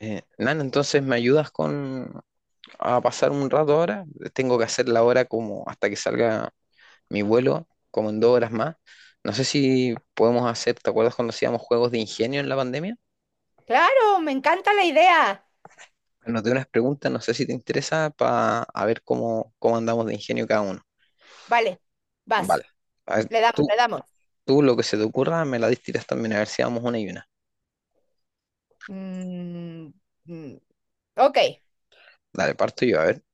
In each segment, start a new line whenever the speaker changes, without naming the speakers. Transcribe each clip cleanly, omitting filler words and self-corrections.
Nan, entonces me ayudas con a pasar un rato ahora. Tengo que hacer la hora como hasta que salga mi vuelo, como en 2 horas más. No sé si podemos hacer, ¿te acuerdas cuando hacíamos juegos de ingenio en la pandemia?
Claro, me encanta la idea.
Nos dio unas preguntas, no sé si te interesa, para a ver cómo andamos de ingenio cada uno.
Vale, vas,
Vale. A ver,
le damos,
tú,
le damos.
tú lo que se te ocurra, me la distiras también, a ver si damos una y una.
Mm, mm, ok.
Dale, parto yo, a ver.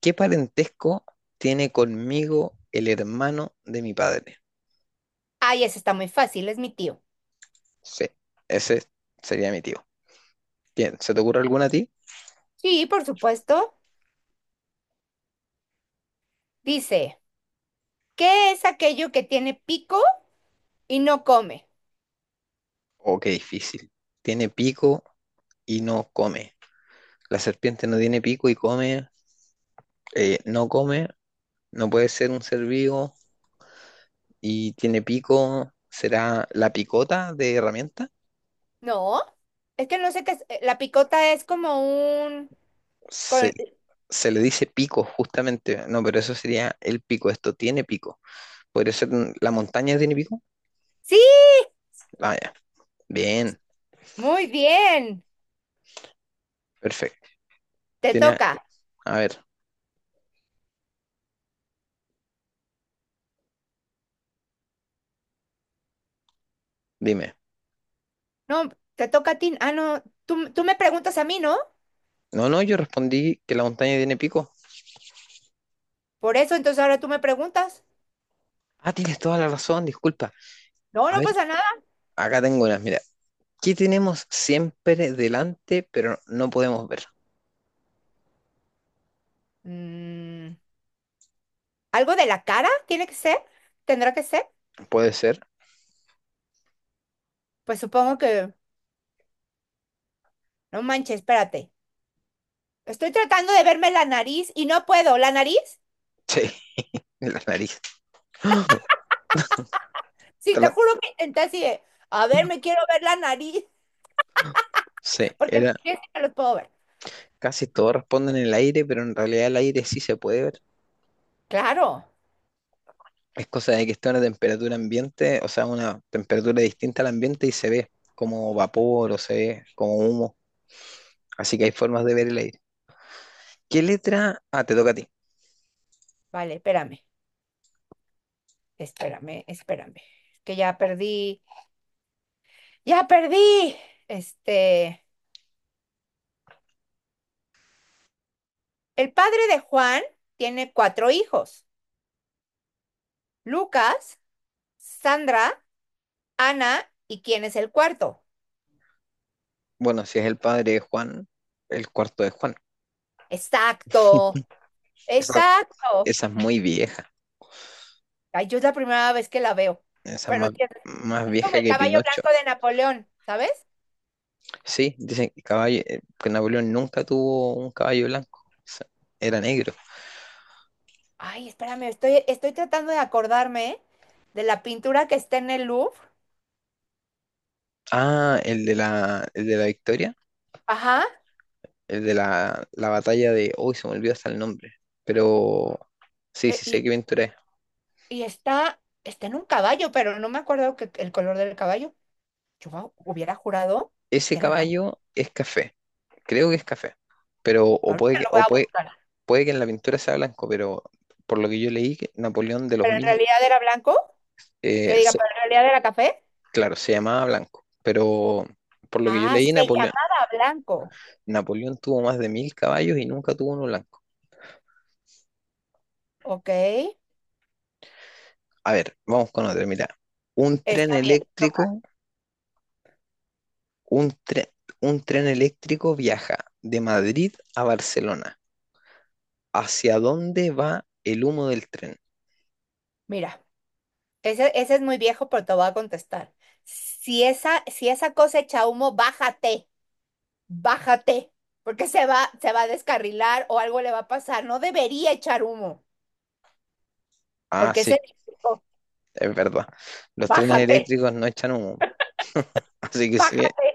¿Qué parentesco tiene conmigo el hermano de mi padre?
Ay, ese está muy fácil, es mi tío.
Sí, ese sería mi tío. Bien, ¿se te ocurre alguna a ti?
Sí, por supuesto. Dice, ¿qué es aquello que tiene pico y no come?
Oh, qué difícil. Tiene pico y no come. La serpiente no tiene pico y come, no come, no puede ser un ser vivo y tiene pico. ¿Será la picota de herramienta?
No, es que no sé qué es. La picota es como un...
Se,
con-
se le dice pico justamente. No, pero eso sería el pico. Esto tiene pico. ¿Podría ser la montaña tiene pico?
Sí,
Vaya, bien,
muy bien.
perfecto.
Te
Tiene,
toca.
a ver, dime.
No, te toca a ti. Ah, no, tú me preguntas a mí, ¿no?
No, no, yo respondí que la montaña tiene pico.
Por eso, entonces ahora tú me preguntas.
Ah, tienes toda la razón, disculpa.
No,
A
no
ver,
pasa nada.
acá tengo unas, mira. ¿Qué tenemos siempre delante, pero no podemos ver?
Mm, ¿Algo de la cara tiene que ser? ¿Tendrá que ser?
Puede ser.
Pues supongo que. No manches, espérate. Estoy tratando de verme la nariz y no puedo. ¿La nariz?
Sí, la nariz.
Sí, te
Tala.
juro que intenté así de. A ver, me quiero ver la nariz
Sí,
porque
era.
mis pies sí me los puedo ver.
Casi todos responden en el aire, pero en realidad el aire sí se puede ver.
Claro.
Es cosa de que está a una temperatura ambiente, o sea, una temperatura distinta al ambiente y se ve como vapor o se ve como humo. Así que hay formas de ver el aire. ¿Qué letra? Ah, te toca a ti.
Vale, espérame, espérame, espérame. Que ya perdí. Ya perdí. Este... El padre de Juan tiene cuatro hijos. Lucas, Sandra, Ana y ¿quién es el cuarto?
Bueno, si es el padre de Juan, el cuarto de Juan.
Exacto,
Esa,
exacto.
esa es muy vieja.
Ay, yo es la primera vez que la veo,
Esa es
pero
más,
sí es
más
es como
vieja
el
que
caballo
Pinocho.
blanco de Napoleón, ¿sabes?
Sí, dicen que, caballo, que Napoleón nunca tuvo un caballo blanco. O sea, era negro.
Ay, espérame, estoy tratando de acordarme de la pintura que está en el Louvre.
Ah, el de la victoria.
Ajá,
La batalla de. Uy, se me olvidó hasta el nombre. Pero sí,
e-
sí sé qué
y,
pintura es.
y está en un caballo, pero no me acuerdo que, el color del caballo. Yo hubiera jurado
Ese
que era blanco.
caballo es café. Creo que es café. Pero, o
Ahorita
puede que,
lo voy
o
a
puede,
buscar.
puede que en la pintura sea blanco, pero por lo que yo leí, que Napoleón de los
¿Pero en
1.000,
realidad era blanco? Que
eh,
diga,
se-
¿pero en realidad era café?
claro, se llamaba blanco. Pero por lo que yo
Ah,
leí,
se
Napoleón.
llamaba blanco.
Napoleón tuvo más de 1.000 caballos y nunca tuvo uno blanco.
Ok.
A ver, vamos con otro. Mira, un tren
Está bien, toca.
eléctrico, un tren, un tren eléctrico viaja de Madrid a Barcelona. ¿Hacia dónde va el humo del tren?
Mira, ese es muy viejo, pero te voy a contestar. Si esa cosa echa humo, bájate, bájate, porque se va a descarrilar o algo le va a pasar. No debería echar humo,
Ah,
porque es
sí,
eléctrico.
es verdad. Los trenes
Bájate,
eléctricos no echan humo, así que si,
bájate,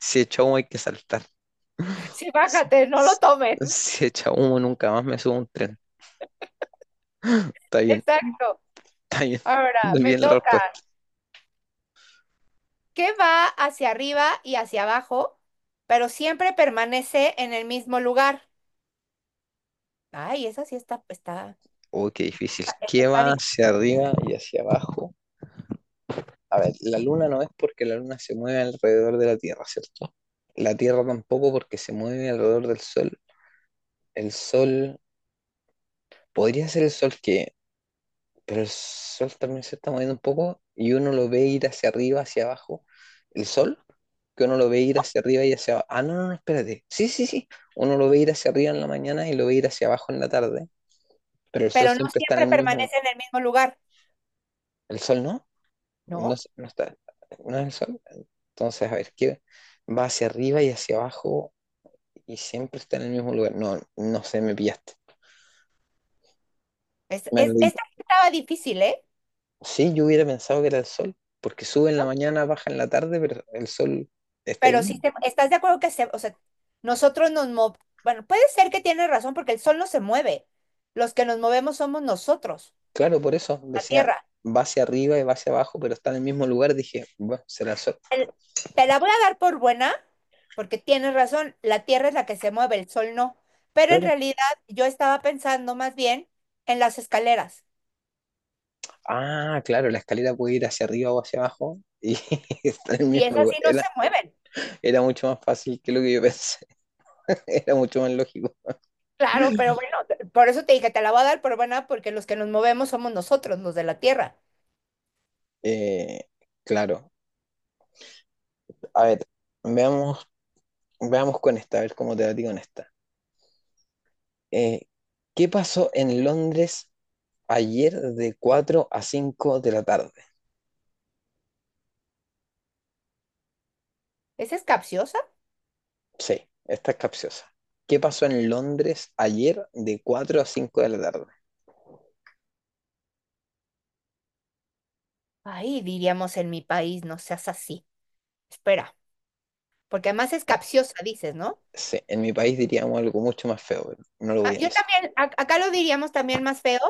si echa humo hay que saltar.
sí,
Si,
bájate, no lo
si-
tomes.
si echa humo nunca más me subo a un tren. Está bien,
Exacto.
está bien.
Ahora,
Muy
me
bien la
toca.
respuesta.
¿Qué va hacia arriba y hacia abajo, pero siempre permanece en el mismo lugar? Ay, esa sí está,
Oh, qué difícil.
esa
¿Qué
está
va
difícil.
hacia arriba y hacia abajo? A ver, la luna no es porque la luna se mueve alrededor de la Tierra, ¿cierto? La Tierra tampoco porque se mueve alrededor del Sol. El Sol, podría ser el Sol que, pero el Sol también se está moviendo un poco y uno lo ve ir hacia arriba, hacia abajo. El Sol, que uno lo ve ir hacia arriba y hacia abajo. Ah, no, no, no, espérate. Sí, sí, sí. Uno lo ve ir hacia arriba en la mañana y lo ve ir hacia abajo en la tarde, pero el Sol
Pero no
siempre está
siempre
en el mismo.
permanece en el mismo lugar,
¿El Sol no? No,
¿no?
no está. ¿No es el Sol? Entonces, a ver, ¿qué? Va hacia arriba y hacia abajo y siempre está en el mismo lugar. No, no sé, me pillaste.
Es,
Me
es,
lo-
esta estaba difícil, ¿eh?
sí, yo hubiera pensado que era el sol, porque sube en la
¿No?
mañana, baja en la tarde, pero el sol está ahí
Pero sí,
mismo.
¿estás de acuerdo que o sea, nosotros nos movemos, bueno, puede ser que tienes razón porque el sol no se mueve, los que nos movemos somos nosotros,
Claro, por eso
la
decía,
Tierra.
va hacia arriba y va hacia abajo, pero está en el mismo lugar. Dije, bueno, será el sol.
El- Te la voy a dar por buena, porque tienes razón, la Tierra es la que se mueve, el sol no, pero en
Claro.
realidad yo estaba pensando más bien en las escaleras,
Ah, claro, la escalera puede ir hacia arriba o hacia abajo y está en el
y
mismo
esas
lugar.
sí no se
Era,
mueven.
era mucho más fácil que lo que yo pensé, era mucho más lógico.
Claro, pero bueno, por eso te dije, te la voy a dar por buena, porque los que nos movemos somos nosotros, los de la tierra.
Eh, claro, a ver, veamos, veamos con esta, a ver cómo te va a ti con esta. Eh, ¿Qué pasó en Londres ayer de 4 a 5 de la tarde?
¿Esa es capciosa?
Sí, esta es capciosa. ¿Qué pasó en Londres ayer de 4 a 5 de la tarde?
Ay, diríamos en mi país, no seas así. Espera, porque además es
No,
capciosa, dices, ¿no?
sí, en mi país diríamos algo mucho más feo, pero no lo voy
Ah,
a
yo
decir.
también, acá lo diríamos también más feo,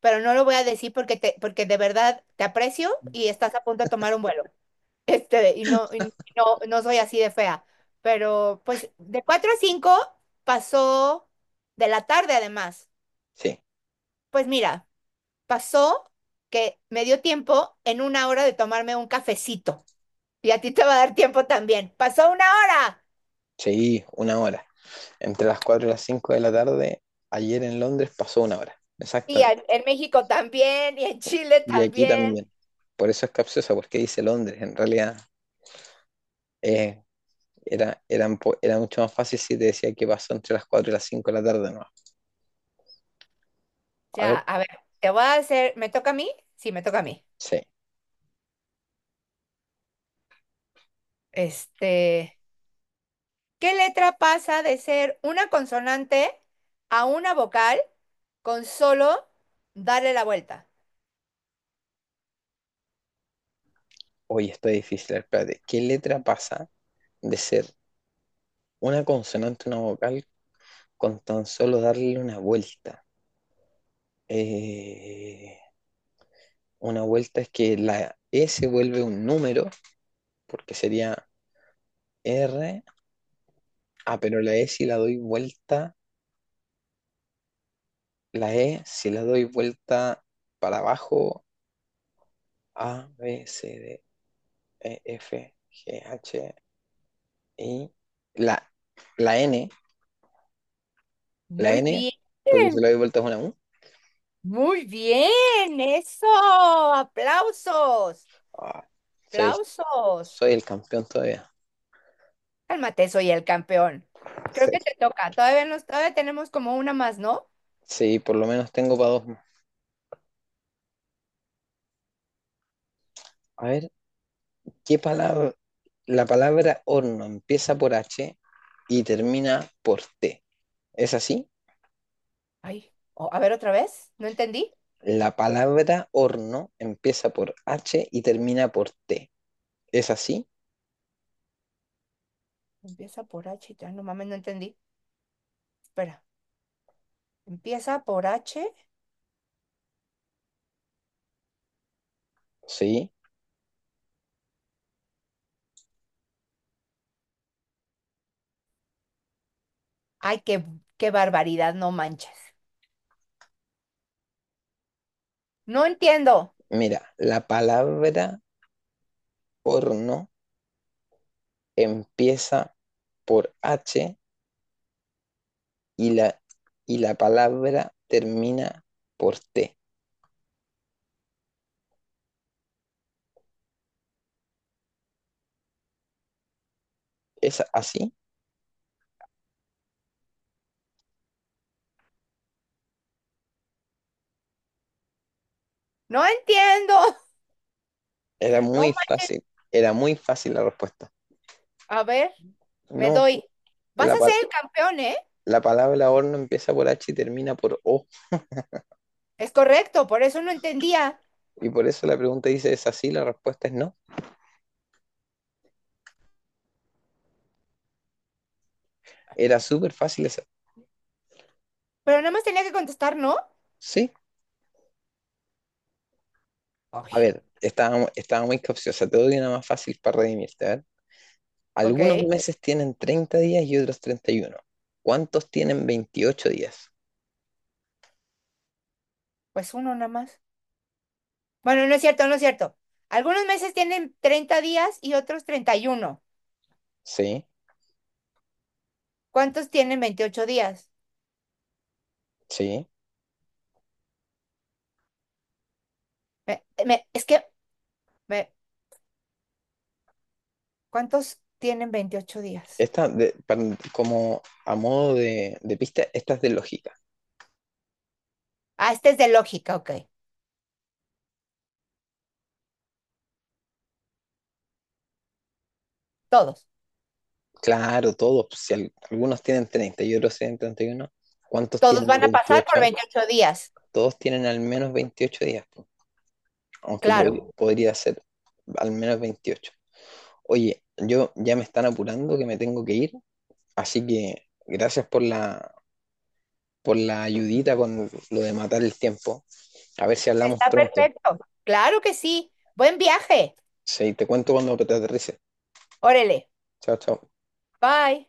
pero no lo voy a decir porque de verdad te aprecio y estás a punto de tomar un vuelo. Y no, no soy así de fea. Pero pues de 4 a 5 pasó de la tarde además.
Sí,
Pues mira. Pasó que me dio tiempo en una hora de tomarme un cafecito. Y a ti te va a dar tiempo también. Pasó una hora.
sí, una hora. Entre las 4 y las 5 de la tarde, ayer en Londres pasó una hora.
Y
Exactamente.
en México también, y en Chile
Y aquí
también.
también. Por eso es capciosa, porque dice Londres. En realidad, eh, era mucho más fácil si te decía que pasó entre las 4 y las 5 de la tarde, ¿no? A ver,
Ya, a ver, te voy a hacer, ¿me toca a mí? Sí, me toca a mí.
sí.
Este, ¿Qué letra pasa de ser una consonante a una vocal con solo darle la vuelta?
Hoy está difícil, espérate. ¿Qué letra pasa de ser una consonante, una vocal, con tan solo darle una vuelta? Eh, una vuelta es que la E se vuelve un número, porque sería R. Ah, pero la E si la doy vuelta para abajo, A, B, C, D, E, F, G, H, I. La, la N, la
Muy
N, porque si
bien,
la doy vuelta es una U.
muy bien, eso, aplausos,
Ah, soy
aplausos.
soy el campeón todavía.
Cálmate, soy el campeón. Creo que
Sí,
te toca. Todavía tenemos como una más, ¿no?
sí, por lo menos tengo para dos más. A ver, ¿qué palabra? La palabra horno empieza por H y termina por T. ¿Es así?
Ay, a ver otra vez. ¿No entendí?
La palabra horno empieza por H y termina por T. ¿Es así?
Empieza por H, y no mames, no entendí. Espera. Empieza por H.
Sí.
Ay, qué barbaridad, no manches. No entiendo.
Mira, la palabra horno empieza por H y y la palabra termina por T. ¿Es así?
No entiendo.
Era
No
muy
manches.
fácil. Era muy fácil la respuesta.
A ver, me
No,
doy. Vas
la,
a
pa-
ser el campeón, ¿eh?
la palabra horno empieza por H y termina por O.
Es correcto, por eso no entendía.
Y por eso la pregunta dice, ¿es así? La respuesta es no. Era súper fácil esa.
Pero nada más tenía que contestar, ¿no?
Sí. A
Ay,
ver, estaba muy capciosa. Te doy una más fácil para redimirte. A ver. Algunos
ok.
meses tienen 30 días y otros 31. ¿Cuántos tienen 28 días?
Pues uno nada más. Bueno, no es cierto, no es cierto. Algunos meses tienen 30 días y otros 31.
Sí,
¿Cuántos tienen 28 días?
sí.
Es que, me- ¿cuántos tienen 28 días?
Como a modo de pista, esta es de lógica.
Ah, este es de lógica, ok. Todos.
Claro, todos, si algunos tienen 30 y otros tienen 31. ¿Cuántos
Todos
tienen
van a pasar por
28?
28 días.
Todos tienen al menos 28 días, po, aunque
Claro.
podría ser al menos 28. Oye, yo ya me están apurando que me tengo que ir, así que gracias por la ayudita con lo de matar el tiempo. A ver si hablamos
Está
pronto.
perfecto. Claro que sí. Buen viaje.
Sí, te cuento cuando te aterrice.
Órale.
Chao, chao.
Bye.